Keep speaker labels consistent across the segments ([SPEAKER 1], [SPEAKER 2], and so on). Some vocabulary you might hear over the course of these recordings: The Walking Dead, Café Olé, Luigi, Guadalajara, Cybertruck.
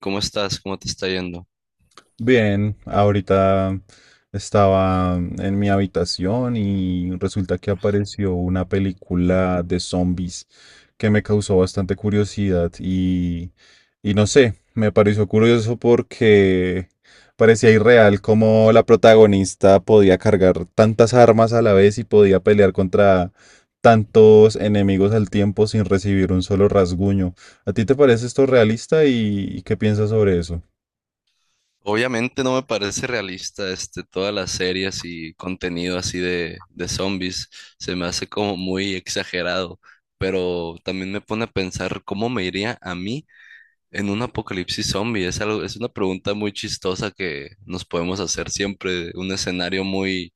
[SPEAKER 1] ¿Cómo estás? ¿Cómo te está yendo?
[SPEAKER 2] Bien, ahorita estaba en mi habitación y resulta que apareció una película de zombies que me causó bastante curiosidad y no sé, me pareció curioso porque parecía irreal cómo la protagonista podía cargar tantas armas a la vez y podía pelear contra tantos enemigos al tiempo sin recibir un solo rasguño. ¿A ti te parece esto realista y qué piensas sobre eso?
[SPEAKER 1] Obviamente no me parece realista este, todas las series y contenido así de zombies. Se me hace como muy exagerado, pero también me pone a pensar cómo me iría a mí en un apocalipsis zombie. Es algo, es una pregunta muy chistosa que nos podemos hacer siempre, un escenario muy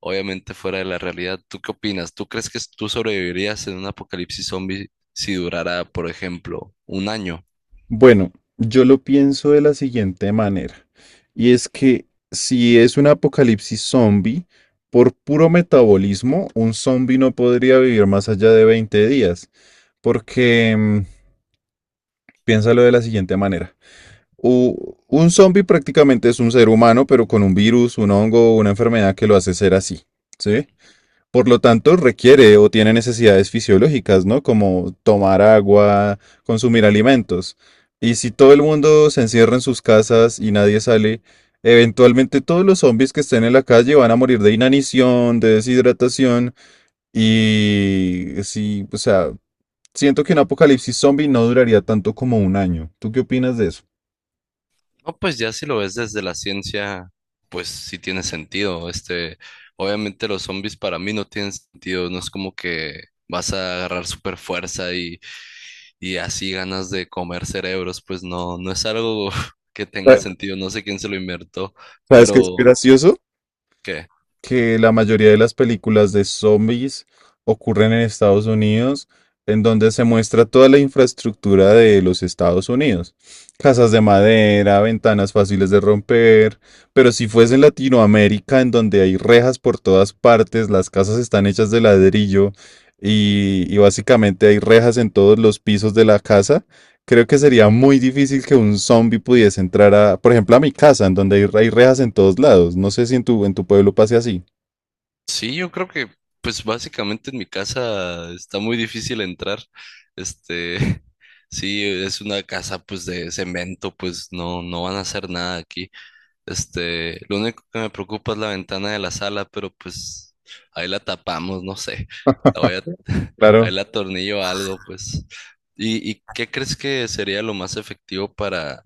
[SPEAKER 1] obviamente fuera de la realidad. ¿Tú qué opinas? ¿Tú crees que tú sobrevivirías en un apocalipsis zombie si durara, por ejemplo, un año?
[SPEAKER 2] Bueno, yo lo pienso de la siguiente manera, y es que si es un apocalipsis zombie, por puro metabolismo, un zombie no podría vivir más allá de 20 días, porque piénsalo de la siguiente manera. Un zombie prácticamente es un ser humano, pero con un virus, un hongo, una enfermedad que lo hace ser así, ¿sí? Por lo tanto, requiere o tiene necesidades fisiológicas, ¿no? Como tomar agua, consumir alimentos. Y si todo el mundo se encierra en sus casas y nadie sale, eventualmente todos los zombies que estén en la calle van a morir de inanición, de deshidratación. Y sí, o sea, siento que un apocalipsis zombie no duraría tanto como un año. ¿Tú qué opinas de eso?
[SPEAKER 1] No, pues ya si lo ves desde la ciencia, pues sí tiene sentido. Este, obviamente los zombies para mí no tienen sentido. No es como que vas a agarrar super fuerza y así ganas de comer cerebros. Pues no, no es algo que tenga
[SPEAKER 2] Sa-
[SPEAKER 1] sentido. No sé quién se lo inventó,
[SPEAKER 2] Sabes que es
[SPEAKER 1] pero
[SPEAKER 2] gracioso,
[SPEAKER 1] ¿qué?
[SPEAKER 2] que la mayoría de las películas de zombies ocurren en Estados Unidos, en donde se muestra toda la infraestructura de los Estados Unidos. Casas de madera, ventanas fáciles de romper, pero si fuese en Latinoamérica, en donde hay rejas por todas partes, las casas están hechas de ladrillo y básicamente hay rejas en todos los pisos de la casa, creo que sería muy difícil que un zombie pudiese entrar a, por ejemplo, a mi casa, en donde hay rejas en todos lados. No sé si en tu pueblo pase así.
[SPEAKER 1] Sí, yo creo que, pues básicamente en mi casa está muy difícil entrar. Este, sí, es una casa pues de cemento, pues no, no van a hacer nada aquí. Este, lo único que me preocupa es la ventana de la sala, pero pues ahí la tapamos, no sé. La voy a, ahí
[SPEAKER 2] Claro,
[SPEAKER 1] la atornillo a algo, pues. Y qué crees que sería lo más efectivo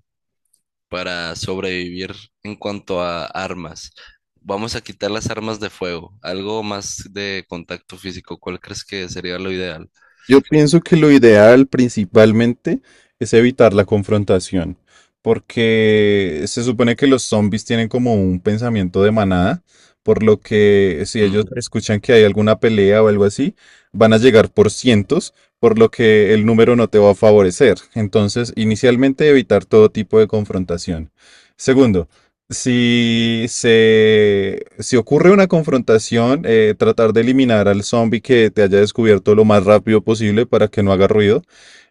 [SPEAKER 1] para sobrevivir en cuanto a armas? Vamos a quitar las armas de fuego, algo más de contacto físico. ¿Cuál crees que sería lo ideal?
[SPEAKER 2] yo pienso que lo ideal principalmente es evitar la confrontación, porque se supone que los zombies tienen como un pensamiento de manada, por lo que si
[SPEAKER 1] Mm,
[SPEAKER 2] ellos escuchan que hay alguna pelea o algo así, van a llegar por cientos, por lo que el número no te va a favorecer. Entonces, inicialmente evitar todo tipo de confrontación. Segundo, si ocurre una confrontación, tratar de eliminar al zombie que te haya descubierto lo más rápido posible para que no haga ruido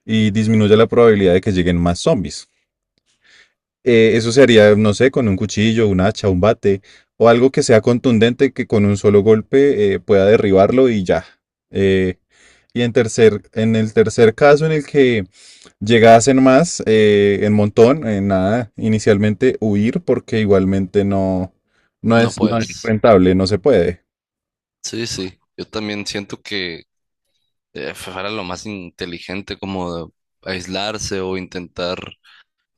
[SPEAKER 2] y disminuya la probabilidad de que lleguen más zombies. Eso se haría, no sé, con un cuchillo, un hacha, un bate o algo que sea contundente que con un solo golpe pueda derribarlo y ya. Eh, y en el tercer caso en el que llegasen más en montón, en nada, inicialmente huir porque igualmente no
[SPEAKER 1] no
[SPEAKER 2] es, no es
[SPEAKER 1] puedes.
[SPEAKER 2] rentable, no se puede.
[SPEAKER 1] Sí, sí. Yo también siento que fuera lo más inteligente como de aislarse o intentar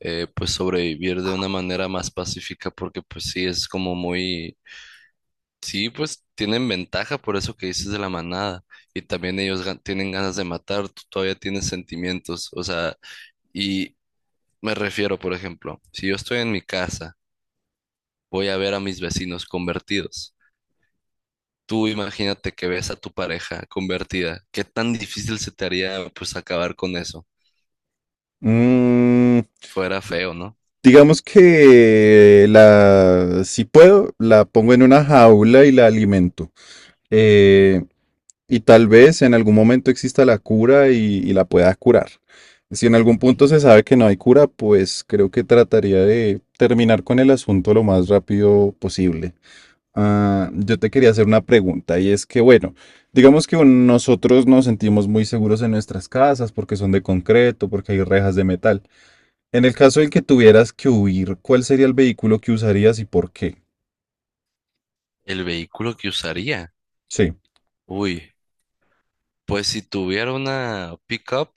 [SPEAKER 1] pues sobrevivir de una manera más pacífica porque pues sí es como muy, sí, pues tienen ventaja por eso que dices de la manada y también ellos tienen ganas de matar, tú todavía tienes sentimientos, o sea, y me refiero, por ejemplo, si yo estoy en mi casa voy a ver a mis vecinos convertidos. Tú imagínate que ves a tu pareja convertida. ¿Qué tan difícil se te haría pues acabar con eso?
[SPEAKER 2] Mm,
[SPEAKER 1] Fuera feo, ¿no?
[SPEAKER 2] digamos que si puedo, la pongo en una jaula y la alimento. Eh, y tal vez en algún momento exista la cura y la pueda curar. Si en algún punto se sabe que no hay cura, pues creo que trataría de terminar con el asunto lo más rápido posible. Ah, yo te quería hacer una pregunta y es que, bueno, digamos que nosotros nos sentimos muy seguros en nuestras casas porque son de concreto, porque hay rejas de metal. En el caso en que tuvieras que huir, ¿cuál sería el vehículo que usarías y por qué?
[SPEAKER 1] El vehículo que usaría.
[SPEAKER 2] Sí,
[SPEAKER 1] Uy, pues si tuviera una pickup,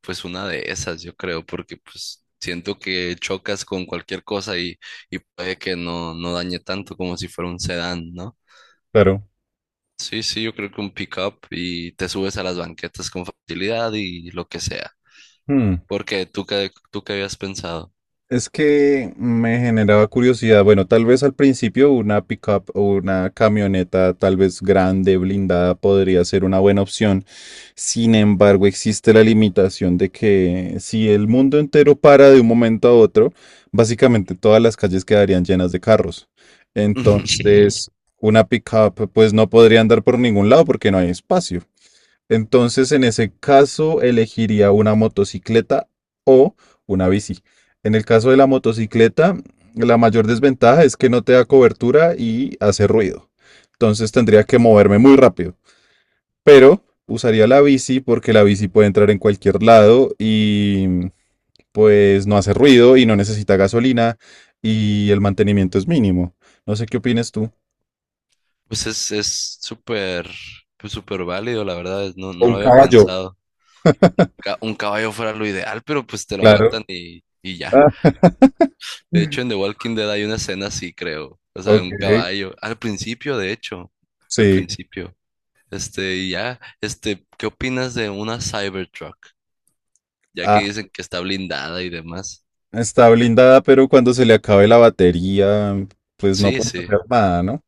[SPEAKER 1] pues una de esas, yo creo, porque pues siento que chocas con cualquier cosa y puede que no, no dañe tanto como si fuera un sedán, ¿no?
[SPEAKER 2] claro.
[SPEAKER 1] Sí, sí, yo creo que un pickup y te subes a las banquetas con facilidad y lo que sea.
[SPEAKER 2] Hmm.
[SPEAKER 1] Porque tú qué habías pensado.
[SPEAKER 2] Es que me generaba curiosidad. Bueno, tal vez al principio una pickup o una camioneta, tal vez grande, blindada, podría ser una buena opción. Sin embargo, existe la limitación de que si el mundo entero para de un momento a otro, básicamente todas las calles quedarían llenas de carros. Sí. Entonces, una pickup, pues no podría andar por ningún lado porque no hay espacio. Entonces, en ese caso, elegiría una motocicleta o una bici. En el caso de la motocicleta, la mayor desventaja es que no te da cobertura y hace ruido. Entonces tendría que moverme muy rápido. Pero usaría la bici porque la bici puede entrar en cualquier lado y pues no hace ruido y no necesita gasolina y el mantenimiento es mínimo. No sé qué opinas tú.
[SPEAKER 1] Pues es súper, pues súper válido, la verdad, no, no lo
[SPEAKER 2] Un
[SPEAKER 1] había
[SPEAKER 2] caballo.
[SPEAKER 1] pensado. Un caballo fuera lo ideal, pero pues te lo
[SPEAKER 2] Claro.
[SPEAKER 1] matan y ya.
[SPEAKER 2] Ah,
[SPEAKER 1] De hecho, en The Walking Dead hay una escena así, creo. O sea,
[SPEAKER 2] ok.
[SPEAKER 1] un caballo. Al principio, de hecho. Al
[SPEAKER 2] Sí.
[SPEAKER 1] principio. Este, y ya. Este, ¿qué opinas de una Cybertruck? Ya que
[SPEAKER 2] Ah,
[SPEAKER 1] dicen que está blindada y demás.
[SPEAKER 2] está blindada, pero cuando se le acabe la batería, pues no
[SPEAKER 1] Sí,
[SPEAKER 2] puede
[SPEAKER 1] sí.
[SPEAKER 2] hacer nada, ¿no?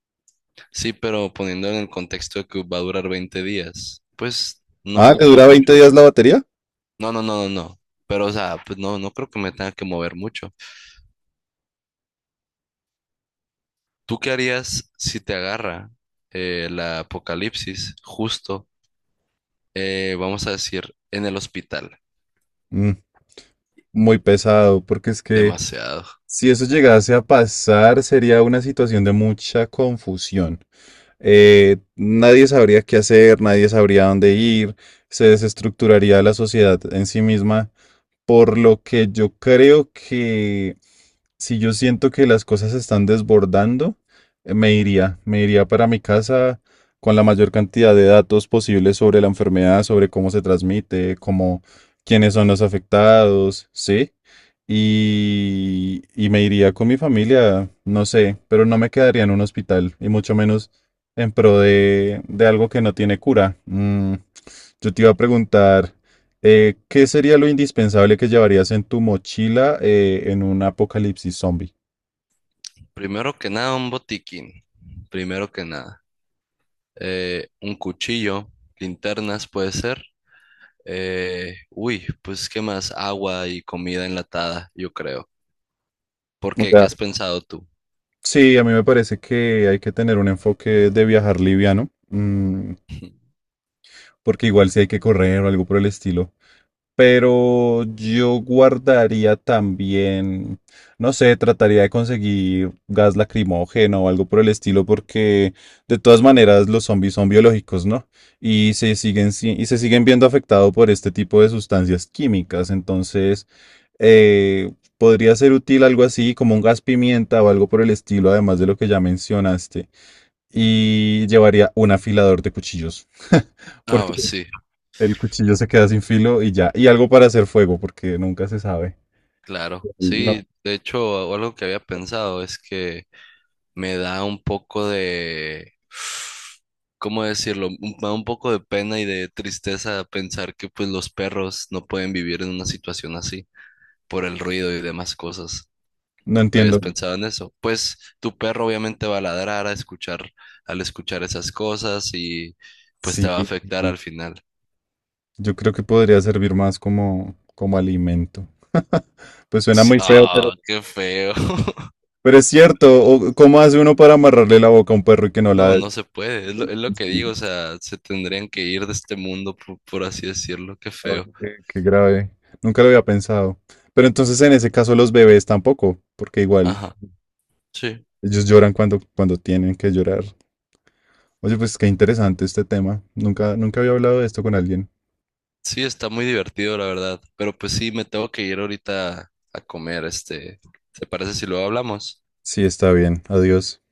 [SPEAKER 1] Sí, pero poniendo en el contexto de que va a durar 20 días, pues no
[SPEAKER 2] Ah, ¿le
[SPEAKER 1] ocupo
[SPEAKER 2] dura veinte
[SPEAKER 1] mucho.
[SPEAKER 2] días la batería?
[SPEAKER 1] No, no, no, no, no. Pero, o sea, pues no, no creo que me tenga que mover mucho. ¿Tú qué harías si te agarra la apocalipsis justo, vamos a decir, en el hospital?
[SPEAKER 2] Mm, muy pesado, porque es que
[SPEAKER 1] Demasiado.
[SPEAKER 2] si eso llegase a pasar, sería una situación de mucha confusión. Nadie sabría qué hacer, nadie sabría dónde ir, se desestructuraría la sociedad en sí misma por lo que yo creo que si yo siento que las cosas se están desbordando, me iría para mi casa con la mayor cantidad de datos posibles sobre la enfermedad, sobre cómo se transmite, cómo, quiénes son los afectados, ¿sí? Y me iría con mi familia, no sé, pero no me quedaría en un hospital y mucho menos en pro de algo que no tiene cura. Yo te iba a preguntar, ¿qué sería lo indispensable que llevarías en tu mochila en un apocalipsis zombie?
[SPEAKER 1] Primero que nada, un botiquín. Primero que nada. Un cuchillo, linternas puede ser. Uy, pues ¿qué más? Agua y comida enlatada, yo creo. ¿Por
[SPEAKER 2] O
[SPEAKER 1] qué? ¿Qué
[SPEAKER 2] sea,
[SPEAKER 1] has pensado tú?
[SPEAKER 2] sí, a mí me parece que hay que tener un enfoque de viajar liviano, mm, porque igual si hay que correr o algo por el estilo. Pero yo guardaría también, no sé, trataría de conseguir gas lacrimógeno o algo por el estilo, porque de todas maneras los zombies son biológicos, ¿no? Y se siguen, y se siguen viendo afectados por este tipo de sustancias químicas. Entonces, eh, podría ser útil algo así como un gas pimienta o algo por el estilo, además de lo que ya mencionaste. Y llevaría un afilador de cuchillos,
[SPEAKER 1] Ah,
[SPEAKER 2] porque
[SPEAKER 1] pues sí,
[SPEAKER 2] el cuchillo se queda sin filo y ya. Y algo para hacer fuego, porque nunca se sabe.
[SPEAKER 1] claro.
[SPEAKER 2] No.
[SPEAKER 1] Sí, de hecho, algo que había pensado es que me da un poco de, ¿cómo decirlo? Me da un poco de pena y de tristeza pensar que pues los perros no pueden vivir en una situación así por el ruido y demás cosas.
[SPEAKER 2] No
[SPEAKER 1] ¿Habías
[SPEAKER 2] entiendo.
[SPEAKER 1] pensado en eso? Pues tu perro obviamente va a ladrar a escuchar, al escuchar esas cosas y pues te
[SPEAKER 2] Sí,
[SPEAKER 1] va a afectar
[SPEAKER 2] sí.
[SPEAKER 1] al final.
[SPEAKER 2] Yo creo que podría servir más como, como alimento. Pues suena
[SPEAKER 1] Sí,
[SPEAKER 2] muy, sí, feo,
[SPEAKER 1] ah, qué feo.
[SPEAKER 2] pero es cierto. O- ¿cómo hace uno para amarrarle la boca a un perro y que no
[SPEAKER 1] No,
[SPEAKER 2] la...
[SPEAKER 1] no se puede, es lo que digo, o sea, se tendrían que ir de este mundo, por así decirlo, qué feo.
[SPEAKER 2] Oye, qué, qué grave. Nunca lo había pensado. Pero entonces en ese caso los bebés tampoco, porque igual
[SPEAKER 1] Ajá, sí.
[SPEAKER 2] ellos lloran cuando, cuando tienen que llorar. Oye, pues qué interesante este tema. Nunca había hablado de esto con alguien.
[SPEAKER 1] Sí, está muy divertido, la verdad. Pero pues sí, me tengo que ir ahorita a comer, este. ¿Te parece si luego hablamos?
[SPEAKER 2] Sí, está bien. Adiós.